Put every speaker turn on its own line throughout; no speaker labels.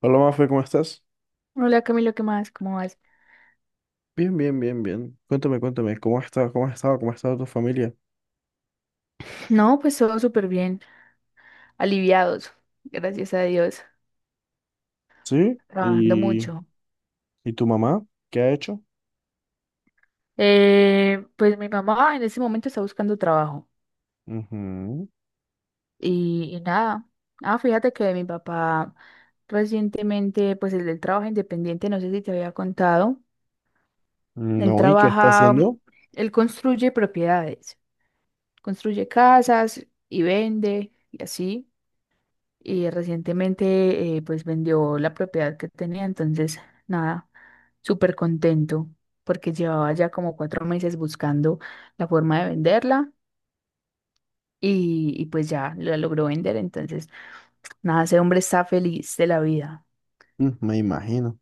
Hola, Mafe, ¿cómo estás?
Hola Camilo, ¿qué más? ¿Cómo vas?
Bien, bien, bien, bien. Cuéntame, cuéntame, ¿cómo has estado? ¿Cómo has estado? ¿Cómo ha estado tu familia?
No, pues todo súper bien, aliviados, gracias a Dios,
¿Sí?
trabajando
¿Y,
mucho.
y tu mamá? ¿Qué ha hecho?
Pues mi mamá en ese momento está buscando trabajo
Ujú.
y nada. Ah, fíjate que mi papá recientemente, pues el del trabajo independiente, no sé si te había contado,
Mm,
él
no, ¿y qué está
trabaja,
haciendo?
él construye propiedades, construye casas y vende y así. Y recientemente pues vendió la propiedad que tenía, entonces nada, súper contento porque llevaba ya como 4 meses buscando la forma de venderla y pues ya la logró vender, entonces nada, ese hombre está feliz de la vida.
Mm, me imagino.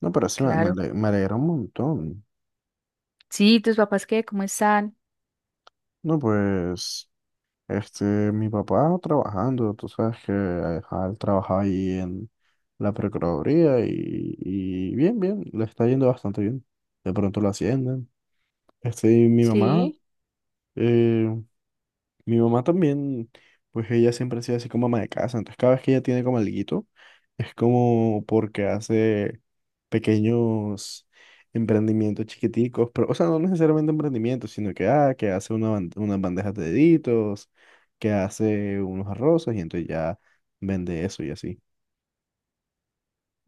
No, pero sí,
Claro.
me alegra un montón.
Sí, ¿tus papás qué? ¿Cómo están?
No, pues, este, mi papá trabajando, tú sabes que ajá, él trabaja ahí en la Procuraduría y bien, bien, le está yendo bastante bien. De pronto lo ascienden. Y mi mamá.
Sí.
eh, Mi mamá también, pues ella siempre ha sido así como ama de casa, entonces cada vez que ella tiene como alguito, es como porque hace pequeños emprendimientos chiquiticos, pero, o sea, no necesariamente emprendimientos, sino que, que hace una unas bandejas de deditos, que hace unos arrozas y entonces ya vende eso y así.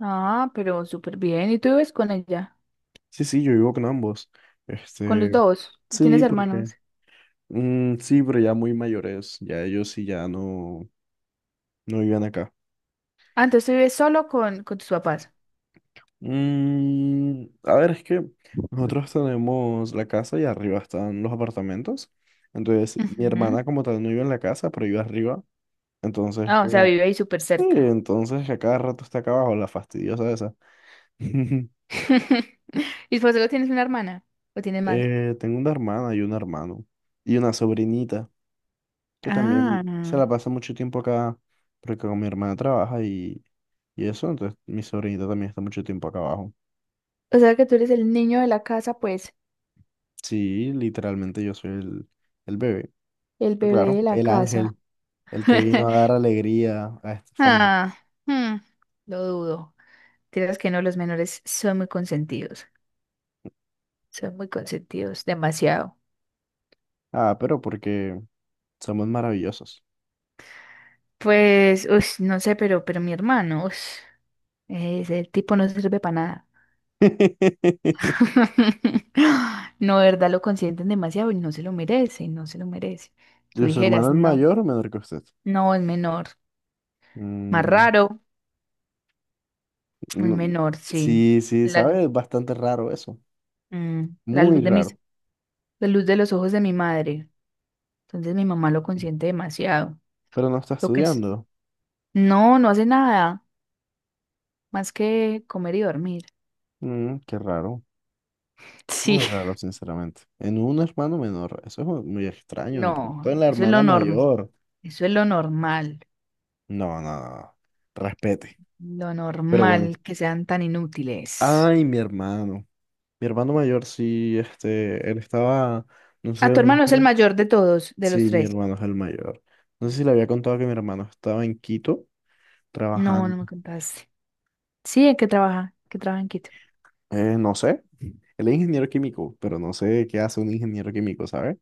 Ah, pero súper bien. ¿Y tú vives con ella?
Sí, sí, yo vivo con ambos.
¿Con los
Este,
dos?
sí,
¿Tienes
porque,
hermanos?
sí, pero ya muy mayores, ya ellos sí ya no, no viven acá.
Ah, entonces tú vives solo con tus papás.
Mm, a ver, es que nosotros tenemos la casa y arriba están los apartamentos. Entonces, mi
Ujú.
hermana como tal no vive en la casa, pero vive arriba. Entonces,
Ah, o sea,
como,
vive ahí súper
sí,
cerca.
entonces a cada rato está acá abajo, la fastidiosa esa.
¿Y por eso tienes una hermana? ¿O tienes más?
Tengo una hermana y un hermano y una sobrinita que
Ah,
también se la pasa mucho tiempo acá porque con mi hermana trabaja y eso, entonces mi sobrinita también está mucho tiempo acá abajo.
o sea que tú eres el niño de la casa, pues,
Sí, literalmente yo soy el bebé.
el bebé
Claro,
de la
el
casa.
ángel, el que vino a dar alegría a esta familia.
Ah, hmm, lo dudo. Tienes que no, los menores son muy consentidos. Son muy consentidos, demasiado.
Ah, pero porque somos maravillosos.
Pues, ush, no sé, pero mi hermano, ush, ese tipo no sirve para nada.
¿Y
No, de verdad, lo consienten demasiado y no se lo merece, no se lo merece. Tú
su hermano
dijeras,
es
no,
mayor o menor que usted?
no, es menor. Más
Mm,
raro, el
no,
menor, sí.
sí, sí,
La,
sabe, es bastante raro eso.
mm, la
Muy
luz
raro.
la luz de los ojos de mi madre. Entonces mi mamá lo consiente demasiado.
Pero no está
Lo que es.
estudiando.
No, no hace nada más que comer y dormir.
Mm, qué raro.
Sí.
Muy raro, sinceramente. En un hermano menor, eso es muy extraño. De
No,
pronto en la hermana mayor.
eso es
No, no, no. No. Respete.
lo
Pero bueno.
normal que sean tan inútiles.
Ay, mi hermano. Mi hermano mayor, sí, él estaba, no sé,
A
no
tu
me
hermano es el
acuerdo.
mayor de todos, de los
Sí, mi
tres.
hermano es el mayor. No sé si le había contado que mi hermano estaba en Quito
No, no
trabajando.
me contaste. Sí, ¿en qué trabaja? ¿Qué trabaja en Quito?
No sé, él es ingeniero químico, pero no sé qué hace un ingeniero químico, ¿sabes?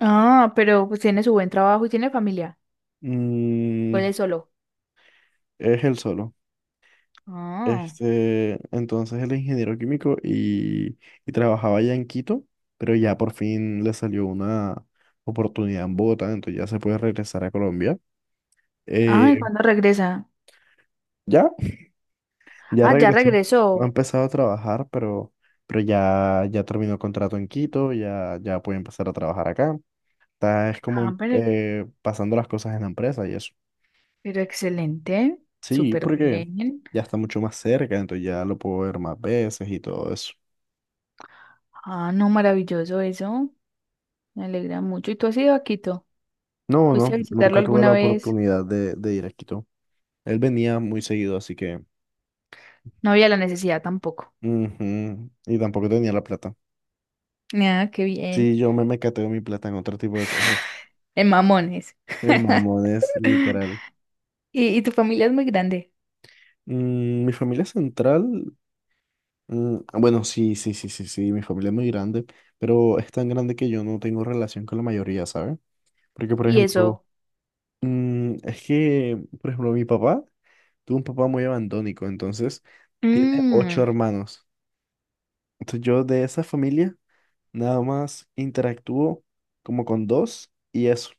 Ah, pero pues tiene su buen trabajo y tiene familia. ¿O él
Mm,
es solo?
es él solo.
Ah,
Entonces él es ingeniero químico y trabajaba allá en Quito, pero ya por fin le salió una oportunidad en Bogotá, entonces ya se puede regresar a Colombia.
ah, ¿y
Eh,
cuándo regresa?
ya. Ya
Ah, ya
regresó. No ha
regresó.
empezado a trabajar, pero ya terminó contrato en Quito, ya puede empezar a trabajar acá. Es como
Ah, pero,
pasando las cosas en la empresa y eso.
pero excelente,
Sí,
súper
porque
bien.
ya está mucho más cerca, entonces ya lo puedo ver más veces y todo eso.
Ah, no, maravilloso eso. Me alegra mucho. ¿Y tú has ido a Quito?
No,
¿Fuiste
no,
a visitarlo
nunca tuve la
alguna vez?
oportunidad de ir a Quito. Él venía muy seguido, así que...
No había la necesidad tampoco.
Ujú, y tampoco tenía la plata.
Ah, qué
Sí,
bien.
yo me mecateo mi plata en otro tipo de cosas.
En Mamones.
En mamones, literal.
Y tu familia es muy grande.
Mm, mi familia central. Mm, ah, bueno, sí, sí, sí, sí, sí, mi familia es muy grande, pero es tan grande que yo no tengo relación con la mayoría, ¿sabes? Porque, por
Y
ejemplo,
eso.
es que, por ejemplo, mi papá tuvo un papá muy abandónico, entonces tiene ocho
Mm,
hermanos. Entonces yo de esa familia nada más interactúo como con dos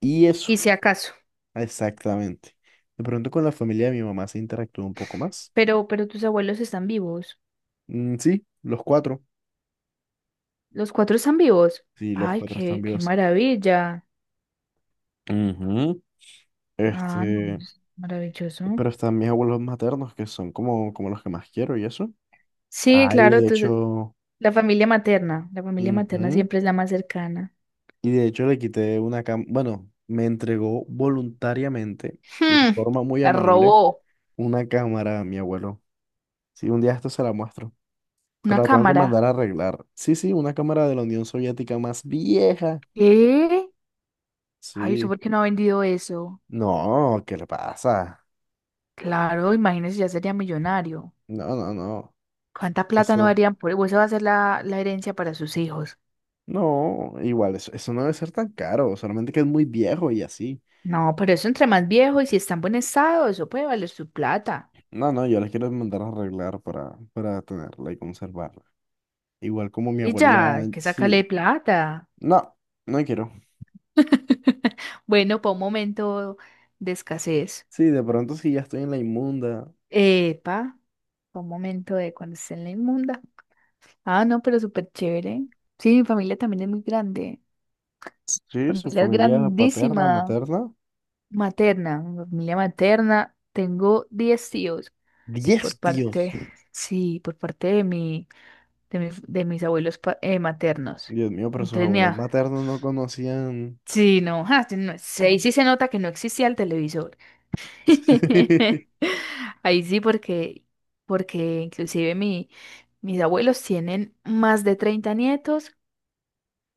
y
y
eso,
si acaso.
exactamente. De pronto con la familia de mi mamá se interactúa un poco más.
Pero tus abuelos están vivos.
Mm,
Los cuatro están vivos.
sí, los
Ay,
cuatro están
qué, qué
vivos.
maravilla.
Ujú.
Ah, no,
Este,
es maravilloso.
Pero están mis abuelos maternos, que son como los que más quiero y eso.
Sí,
Ah, y
claro,
de
tú
hecho,
la familia materna
ujú,
siempre es la más cercana.
y de hecho le quité una cama, bueno, me entregó voluntariamente y de
Hmm,
forma muy
la
amable
robó
una cámara a mi abuelo. Sí, un día esto se la muestro,
una
pero la tengo que
cámara.
mandar a arreglar. Sí, sí, una cámara de la Unión Soviética más vieja.
¿Qué? Ay, ¿usted
Sí.
por qué no ha vendido eso?
No, ¿qué le pasa?
Claro, imagínese, ya sería millonario.
No, no, no.
¿Cuánta plata no
Eso,
darían por eso? Esa va a ser la herencia para sus hijos.
no, igual, eso no debe ser tan caro, solamente que es muy viejo y así.
No, pero eso entre más viejo y si está en buen estado, eso puede valer su plata.
No, no, yo las quiero mandar a arreglar para tenerla y conservarla. Igual como mi
Y
abuela
ya, hay
ya,
que sacarle
sí.
plata.
No, no quiero.
Bueno, para un momento de escasez.
Sí, de pronto si ya estoy en la inmunda.
Epa, fue un momento de cuando esté en la inmunda. Ah, no, pero súper chévere. Sí, mi familia también es muy grande. Mi
Sí, su
familia es
familia paterna,
grandísima.
materna.
Materna, mi familia materna. Tengo 10 tíos por
Diez
parte,
tíos.
sí, por parte de mi, de mi- de mis abuelos maternos.
Dios mío, pero sus
Entonces,
abuelos
mira,
maternos no conocían.
sí, no, ja, sí, no, sí, ahí sí se nota que no existía el televisor. Ahí sí, porque inclusive mis abuelos tienen más de 30 nietos,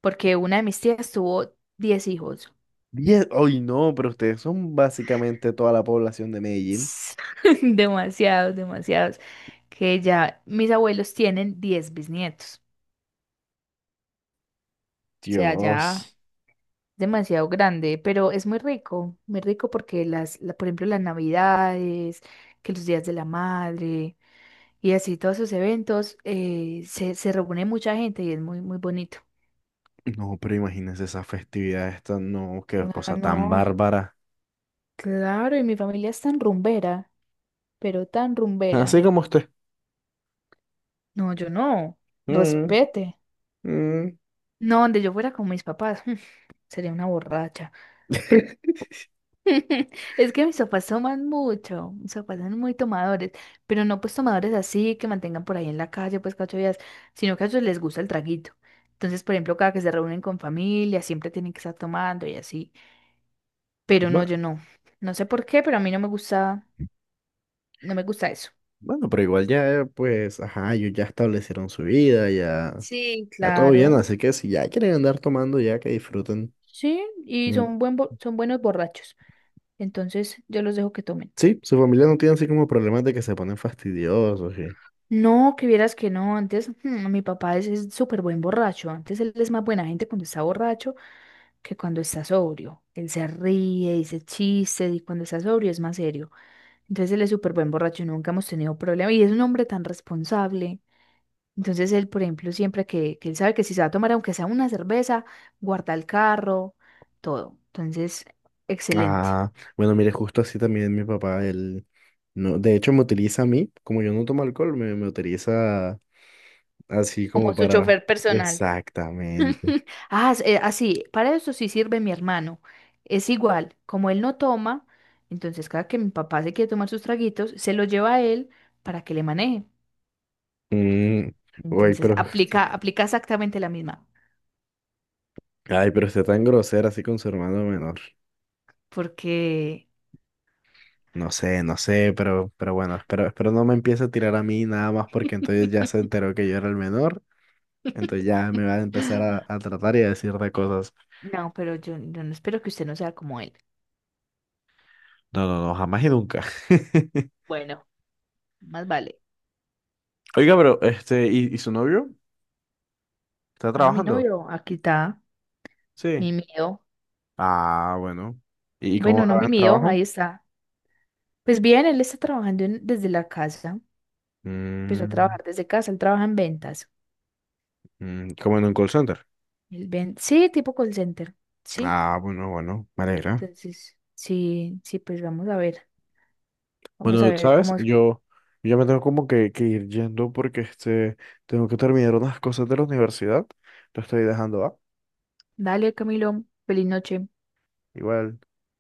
porque una de mis tías tuvo 10 hijos.
10. Ay, no, pero ustedes son básicamente toda la población de Medellín.
Demasiados, demasiados. Que ya mis abuelos tienen 10 bisnietos. O sea, ya
Dios.
demasiado grande, pero es muy rico porque por ejemplo, las navidades, que los días de la madre. Y así todos sus eventos se reúne mucha gente y es muy, muy bonito.
No, pero imagínense esa festividad esta, no, qué
Ah,
cosa tan
no.
bárbara.
Claro, y mi familia es tan rumbera, pero tan
Así
rumbera.
como usted.
No, yo no.
Mm.
Respete.
Mm,
No, donde yo fuera con mis papás, sería una borracha. Es que mis papás toman mucho, mis papás son muy tomadores, pero no pues tomadores así que mantengan por ahí en la calle pues cada 8 días, sino que a ellos les gusta el traguito. Entonces, por ejemplo, cada que se reúnen con familia, siempre tienen que estar tomando y así. Pero no,
Bueno,
yo no. No sé por qué, pero a mí no me gusta, no me gusta eso.
bueno, pero igual ya, pues, ajá, ellos ya establecieron su vida, ya,
Sí,
ya todo bien,
claro,
así que si ya quieren andar tomando, ya que disfruten.
sí, y
Mien-
son buenos borrachos. Entonces yo los dejo que tomen.
Sí, su familia no tiene así como problemas de que se ponen fastidiosos y...
No, que vieras que no, antes mi papá es súper buen borracho. Antes él es más buena gente cuando está borracho que cuando está sobrio. Él se ríe, dice chistes y cuando está sobrio es más serio. Entonces él es súper buen borracho, nunca hemos tenido problema. Y es un hombre tan responsable. Entonces él, por ejemplo, siempre que él sabe que si se va a tomar, aunque sea una cerveza, guarda el carro, todo. Entonces, excelente.
Ah, bueno, mire, justo así también mi papá, él, no, de hecho me utiliza a mí, como yo no tomo alcohol, me utiliza así
Como
como
su
para...
chofer personal.
Exactamente.
Ah, así, para eso sí sirve mi hermano. Es igual, como él no toma, entonces cada que mi papá se quiere tomar sus traguitos, se lo lleva a él para que le maneje.
Mm, uy,
Entonces
pero...
aplica, aplica exactamente la misma,
Ay, pero está tan grosera así con su hermano menor.
porque
No sé, no sé, pero bueno, espero no me empiece a tirar a mí nada más porque entonces ya se enteró que yo era el menor, entonces ya me va a empezar a tratar y a decir de cosas.
no, pero yo no espero que usted no sea como él,
No, no, no, jamás y nunca.
Bueno, más vale.
Oiga, pero ¿y su novio? ¿Está
Ah, mi
trabajando?
novio, aquí está,
Sí.
mi mío.
Ah, bueno. ¿Y cómo
Bueno,
le
no
va en
mi
el
mío,
trabajo?
ahí está. Pues bien, él está trabajando desde la casa. Empezó a
Mm,
trabajar desde casa, él trabaja en ventas.
mm, como en un call center.
Sí, tipo call center. Sí,
Ah, bueno, bueno, me alegra.
entonces, sí, sí, pues vamos a ver. Vamos a
Bueno,
ver
sabes,
cómo es.
yo ya me tengo como que ir yendo porque tengo que terminar unas cosas de la universidad. Te estoy dejando, ¿va?
Dale, Camilo, feliz noche.
Igual.